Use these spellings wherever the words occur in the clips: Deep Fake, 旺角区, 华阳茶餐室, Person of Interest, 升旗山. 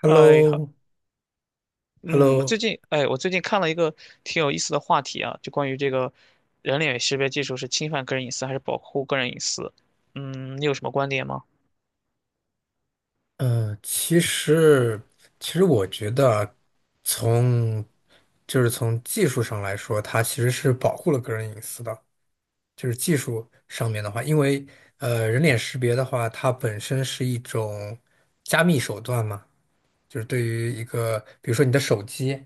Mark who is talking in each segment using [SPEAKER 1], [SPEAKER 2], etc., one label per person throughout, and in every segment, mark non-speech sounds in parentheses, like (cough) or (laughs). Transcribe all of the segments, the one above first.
[SPEAKER 1] h e l l o
[SPEAKER 2] 哎，好，
[SPEAKER 1] h e l l
[SPEAKER 2] 嗯，我最
[SPEAKER 1] o
[SPEAKER 2] 近，我最近看了一个挺有意思的话题啊，就关于这个人脸识别技术是侵犯个人隐私还是保护个人隐私？嗯，你有什么观点吗？
[SPEAKER 1] 呃，其实，其实我觉得啊从就是从技术上来说，它其实是保护了个人隐私的。就是技术上面的话，因为人脸识别的话，它本身是一种加密手段嘛，就是对于一个，比如说你的手机，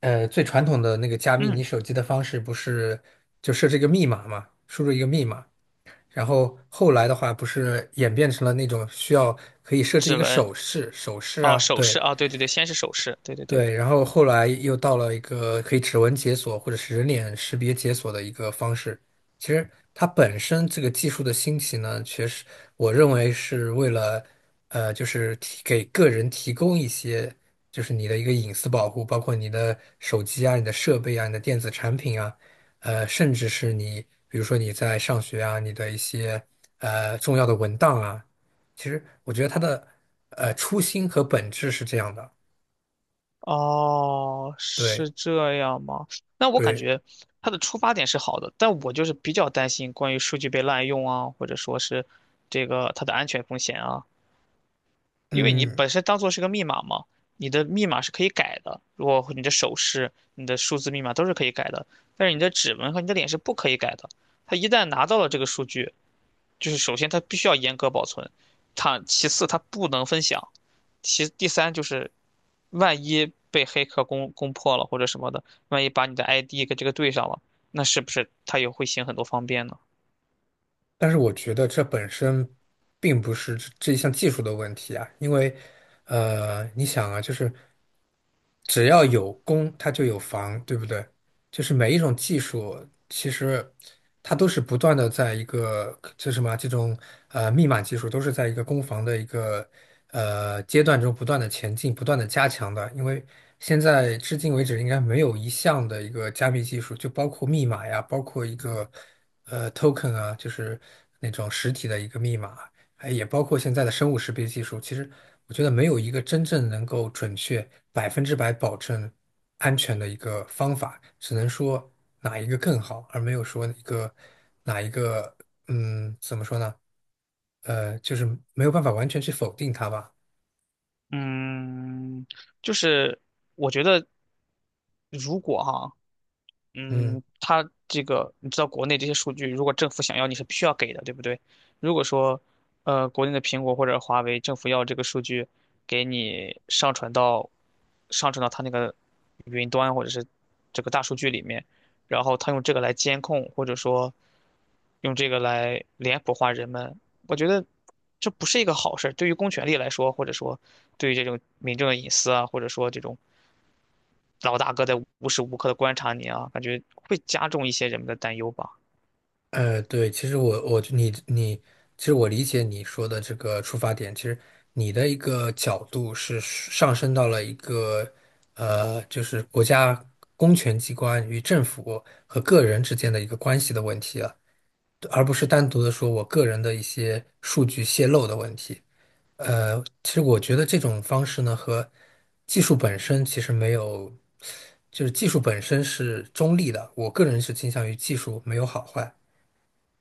[SPEAKER 1] 最传统的那个加密你
[SPEAKER 2] 嗯，
[SPEAKER 1] 手机的方式，不是就设置一个密码嘛，输入一个密码。然后后来的话，不是演变成了那种需要可以设置一
[SPEAKER 2] 指
[SPEAKER 1] 个
[SPEAKER 2] 纹，
[SPEAKER 1] 手势，手势
[SPEAKER 2] 哦，
[SPEAKER 1] 啊，
[SPEAKER 2] 手
[SPEAKER 1] 对，
[SPEAKER 2] 势，啊，对对对，先是手势，对对对，
[SPEAKER 1] 对，然后后来又到了一个可以指纹解锁或者是人脸识别解锁的一个方式。其实它本身这个技术的兴起呢，确实我认为是为了，就是给个人提供一些，就是你的一个隐私保护，包括你的手机啊、你的设备啊、你的电子产品啊，甚至是你，比如说你在上学啊，你的一些重要的文档啊，其实我觉得它的初心和本质是这样的。
[SPEAKER 2] 哦，
[SPEAKER 1] 对。
[SPEAKER 2] 是这样吗？那我感
[SPEAKER 1] 对。
[SPEAKER 2] 觉它的出发点是好的，但我就是比较担心关于数据被滥用啊，或者说是这个它的安全风险啊。因为你
[SPEAKER 1] 嗯，
[SPEAKER 2] 本身当做是个密码嘛，你的密码是可以改的。如果你的手势、你的数字密码都是可以改的，但是你的指纹和你的脸是不可以改的。他一旦拿到了这个数据，就是首先他必须要严格保存，他其次他不能分享，其第三就是万一被黑客攻破了或者什么的，万一把你的 ID 跟这个对上了，那是不是他也会行很多方便呢？
[SPEAKER 1] 但是我觉得这本身并不是这一项技术的问题啊。因为你想啊，就是只要有攻，它就有防，对不对？就是每一种技术，其实它都是不断的在一个，就什么啊，这种密码技术，都是在一个攻防的一个阶段中不断的前进、不断的加强的。因为现在至今为止，应该没有一项的一个加密技术，就包括密码呀，包括一个。Token 啊，就是那种实体的一个密码。哎，也包括现在的生物识别技术。其实我觉得没有一个真正能够准确、百分之百保证安全的一个方法，只能说哪一个更好，而没有说一个哪一个，嗯，怎么说呢？就是没有办法完全去否定它吧。
[SPEAKER 2] 嗯，就是我觉得如果哈。
[SPEAKER 1] 嗯。
[SPEAKER 2] 嗯，它这个你知道，国内这些数据，如果政府想要，你是必须要给的，对不对？如果说，国内的苹果或者华为，政府要这个数据，给你上传到它那个云端或者是这个大数据里面，然后它用这个来监控，或者说用这个来脸谱化人们，我觉得这不是一个好事儿，对于公权力来说，或者说对于这种民众的隐私啊，或者说这种老大哥在无时无刻的观察你啊，感觉会加重一些人们的担忧吧。
[SPEAKER 1] 对。其实我理解你说的这个出发点，其实你的一个角度是上升到了一个就是国家公权机关与政府和个人之间的一个关系的问题了，而不是单独的说我个人的一些数据泄露的问题。其实我觉得这种方式呢，和技术本身其实没有，就是技术本身是中立的，我个人是倾向于技术没有好坏。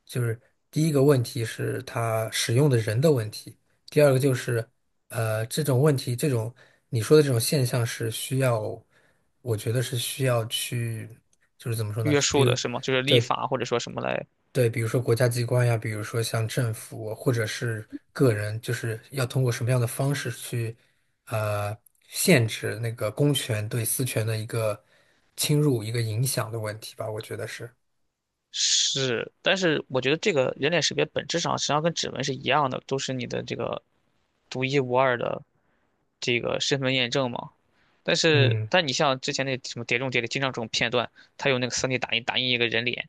[SPEAKER 1] 就是第一个问题是它使用的人的问题，第二个就是，这种问题，这种你说的这种现象是需要，我觉得是需要去，就是怎么说呢？
[SPEAKER 2] 约
[SPEAKER 1] 比
[SPEAKER 2] 束的
[SPEAKER 1] 如，
[SPEAKER 2] 是吗？就是立
[SPEAKER 1] 对
[SPEAKER 2] 法或者说什么来
[SPEAKER 1] 对，比如说国家机关呀，比如说像政府或者是个人，就是要通过什么样的方式去，呃，限制那个公权对私权的一个侵入、一个影响的问题吧，我觉得是。
[SPEAKER 2] 是，但是我觉得这个人脸识别本质上实际上跟指纹是一样的，都是你的这个独一无二的这个身份验证嘛。但是，
[SPEAKER 1] 嗯。
[SPEAKER 2] 但你像之前那什么《碟中谍》里经常这种片段，它有那个 3D 打印一个人脸，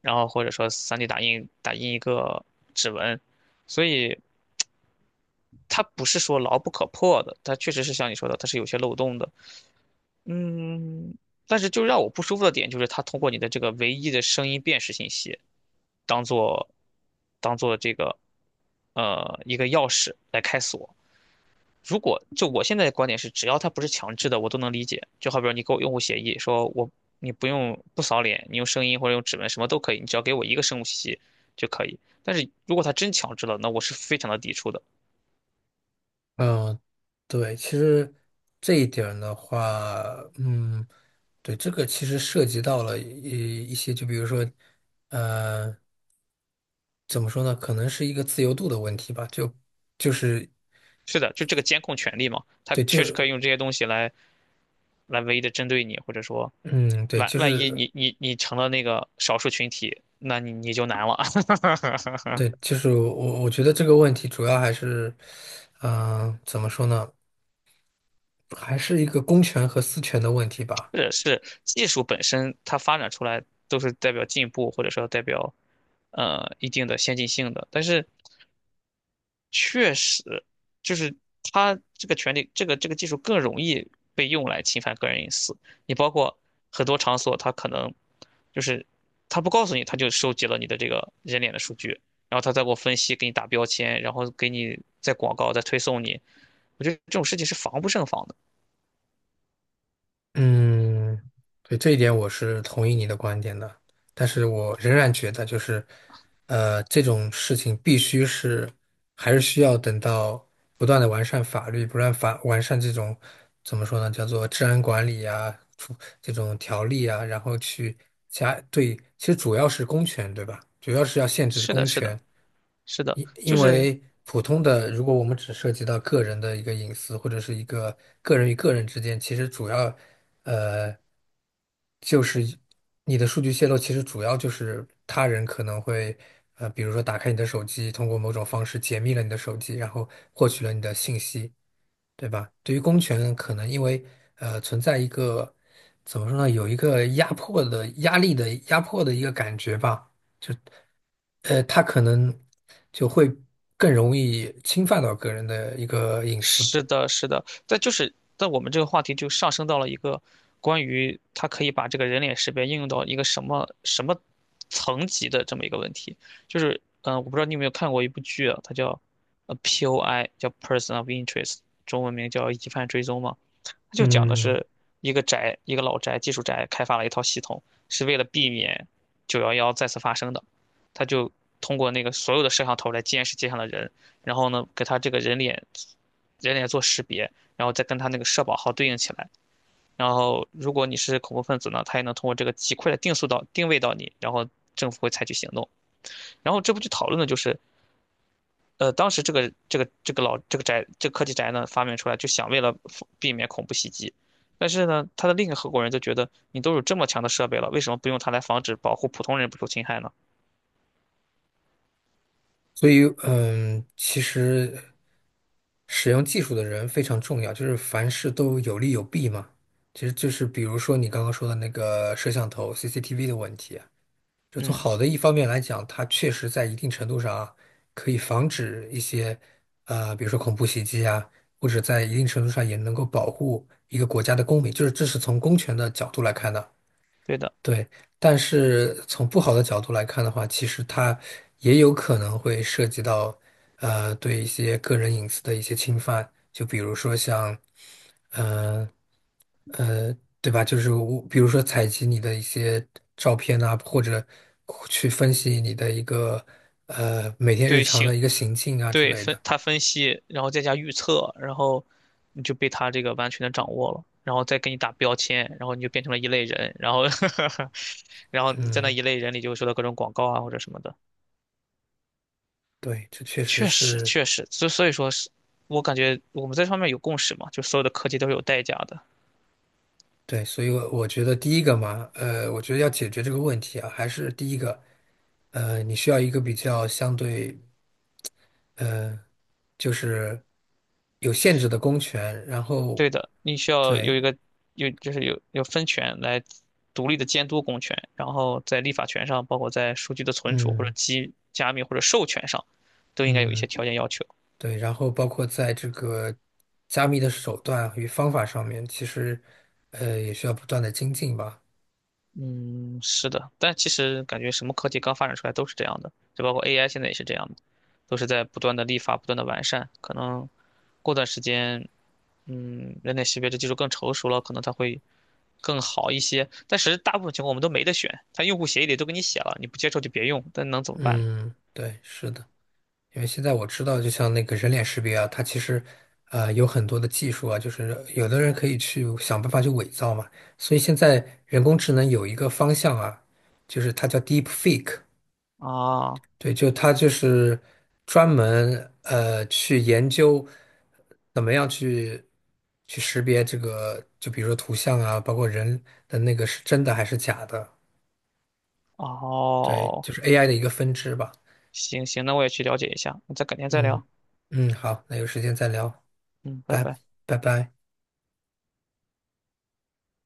[SPEAKER 2] 然后或者说 3D 打印一个指纹，所以。它不是说牢不可破的，它确实是像你说的，它是有些漏洞的。嗯，但是就让我不舒服的点就是它通过你的这个唯一的声音辨识信息，当做当做这个一个钥匙来开锁。如果就我现在的观点是，只要它不是强制的，我都能理解。就好比说你给我用户协议，说我你不用不扫脸，你用声音或者用指纹什么都可以，你只要给我一个生物信息就可以。但是如果它真强制了，那我是非常的抵触的。
[SPEAKER 1] 嗯，对，其实这一点儿的话，嗯，对，这个其实涉及到了一些，就比如说，呃，怎么说呢？可能是一个自由度的问题吧。就是
[SPEAKER 2] 是的，就这个监控权利嘛，它
[SPEAKER 1] 对，
[SPEAKER 2] 确实可
[SPEAKER 1] 就
[SPEAKER 2] 以用这些东西来来唯一的针对你，或者说
[SPEAKER 1] 嗯，对，
[SPEAKER 2] 万
[SPEAKER 1] 就
[SPEAKER 2] 万一
[SPEAKER 1] 是
[SPEAKER 2] 你成了那个少数群体，那你就难了。
[SPEAKER 1] 对，
[SPEAKER 2] (laughs)
[SPEAKER 1] 就是我觉得这个问题主要还是，嗯、怎么说呢？还是一个公权和私权的问题吧。
[SPEAKER 2] 是是，技术本身它发展出来都是代表进步，或者说代表一定的先进性的，但是确实，就是它这个权利，这个这个技术更容易被用来侵犯个人隐私。你包括很多场所，它可能就是它不告诉你，它就收集了你的这个人脸的数据，然后它再给我分析，给你打标签，然后给你再广告，再推送你。我觉得这种事情是防不胜防的。
[SPEAKER 1] 嗯，对，这一点我是同意你的观点的，但是我仍然觉得就是，这种事情必须是还是需要等到不断的完善法律，不断法完善这种怎么说呢，叫做治安管理啊，出这种条例啊，然后去加对，其实主要是公权，对吧？主要是要限制
[SPEAKER 2] 是的，
[SPEAKER 1] 公
[SPEAKER 2] 是的，
[SPEAKER 1] 权。
[SPEAKER 2] 是的，
[SPEAKER 1] 因
[SPEAKER 2] 就
[SPEAKER 1] 因
[SPEAKER 2] 是
[SPEAKER 1] 为普通的，如果我们只涉及到个人的一个隐私，或者是一个个人与个人之间，其实主要，呃，就是你的数据泄露，其实主要就是他人可能会，比如说打开你的手机，通过某种方式解密了你的手机，然后获取了你的信息，对吧？对于公权，可能因为存在一个怎么说呢，有一个压迫的压力的压迫的一个感觉吧。就。他可能就会更容易侵犯到个人的一个隐私。
[SPEAKER 2] 是的，是的，但就是但我们这个话题就上升到了一个关于它可以把这个人脸识别应用到一个什么什么层级的这么一个问题。就是，我不知道你有没有看过一部剧啊，它叫POI，叫 Person of Interest，中文名叫疑犯追踪嘛。它就讲的
[SPEAKER 1] 嗯。
[SPEAKER 2] 是一个宅，一个老宅，技术宅开发了一套系统，是为了避免9/11再次发生的。他就通过那个所有的摄像头来监视街上的人，然后呢，给他这个人脸做识别，然后再跟他那个社保号对应起来。然后，如果你是恐怖分子呢，他也能通过这个极快的定速到定位到你，然后政府会采取行动。然后这部剧讨论的就是当时这个老这个宅这个科技宅呢发明出来，就想为了避免恐怖袭击。但是呢，他的另一个合伙人就觉得，你都有这么强的设备了，为什么不用它来防止保护普通人不受侵害呢？
[SPEAKER 1] 所以其实使用技术的人非常重要，就是凡事都有利有弊嘛。其实就是比如说你刚刚说的那个摄像头 CCTV 的问题，就从
[SPEAKER 2] 嗯，
[SPEAKER 1] 好的一方面来讲，它确实在一定程度上啊，可以防止一些，比如说恐怖袭击啊，或者在一定程度上也能够保护一个国家的公民，就是这是从公权的角度来看的。
[SPEAKER 2] 对的，
[SPEAKER 1] 对。但是从不好的角度来看的话，其实它也有可能会涉及到，对一些个人隐私的一些侵犯，就比如说像，嗯。呃，对吧？就是我，比如说采集你的一些照片啊，或者去分析你的一个每天日
[SPEAKER 2] 对
[SPEAKER 1] 常
[SPEAKER 2] 行，
[SPEAKER 1] 的一个行径啊之
[SPEAKER 2] 对
[SPEAKER 1] 类
[SPEAKER 2] 分
[SPEAKER 1] 的。
[SPEAKER 2] 他分析，然后再加预测，然后你就被他这个完全的掌握了，然后再给你打标签，然后你就变成了一类人，然后 (laughs) 然后你在那
[SPEAKER 1] 嗯，
[SPEAKER 2] 一类人里就会收到各种广告啊或者什么的。
[SPEAKER 1] 对，这确实
[SPEAKER 2] 确实，
[SPEAKER 1] 是。
[SPEAKER 2] 确实，所以说是，我感觉我们在这方面有共识嘛，就所有的科技都是有代价的。
[SPEAKER 1] 对，所以我觉得第一个嘛，我觉得要解决这个问题啊，还是第一个，你需要一个比较相对，呃，就是有限制的公权，然后
[SPEAKER 2] 对的，你需要有
[SPEAKER 1] 对。
[SPEAKER 2] 一个有就是有分权来独立的监督公权，然后在立法权上，包括在数据的存储或者
[SPEAKER 1] 嗯
[SPEAKER 2] 机加密或者授权上，都应该有一些
[SPEAKER 1] 嗯。
[SPEAKER 2] 条件要求。
[SPEAKER 1] 对，然后包括在这个加密的手段与方法上面，其实也需要不断的精进吧。
[SPEAKER 2] 嗯，是的，但其实感觉什么科技刚发展出来都是这样的，就包括 AI 现在也是这样的，都是在不断的立法、不断的完善，可能过段时间。嗯，人脸识别这技术更成熟了，可能它会更好一些。但是大部分情况我们都没得选，它用户协议里都给你写了，你不接受就别用，但能怎么办呢？
[SPEAKER 1] 嗯，对，是的，因为现在我知道，就像那个人脸识别啊，它其实啊有很多的技术啊，就是有的人可以去想办法去伪造嘛。所以现在人工智能有一个方向啊，就是它叫 Deep Fake。
[SPEAKER 2] 啊，
[SPEAKER 1] 对，就他就是专门去研究怎么样去去识别这个，就比如说图像啊，包括人的那个是真的还是假的。对，
[SPEAKER 2] 哦，
[SPEAKER 1] 就是 AI 的一个分支吧。
[SPEAKER 2] 行行，那我也去了解一下，那再改天再
[SPEAKER 1] 嗯
[SPEAKER 2] 聊。
[SPEAKER 1] 嗯，好，那有时间再聊，
[SPEAKER 2] 嗯，拜
[SPEAKER 1] 拜
[SPEAKER 2] 拜。
[SPEAKER 1] 拜拜。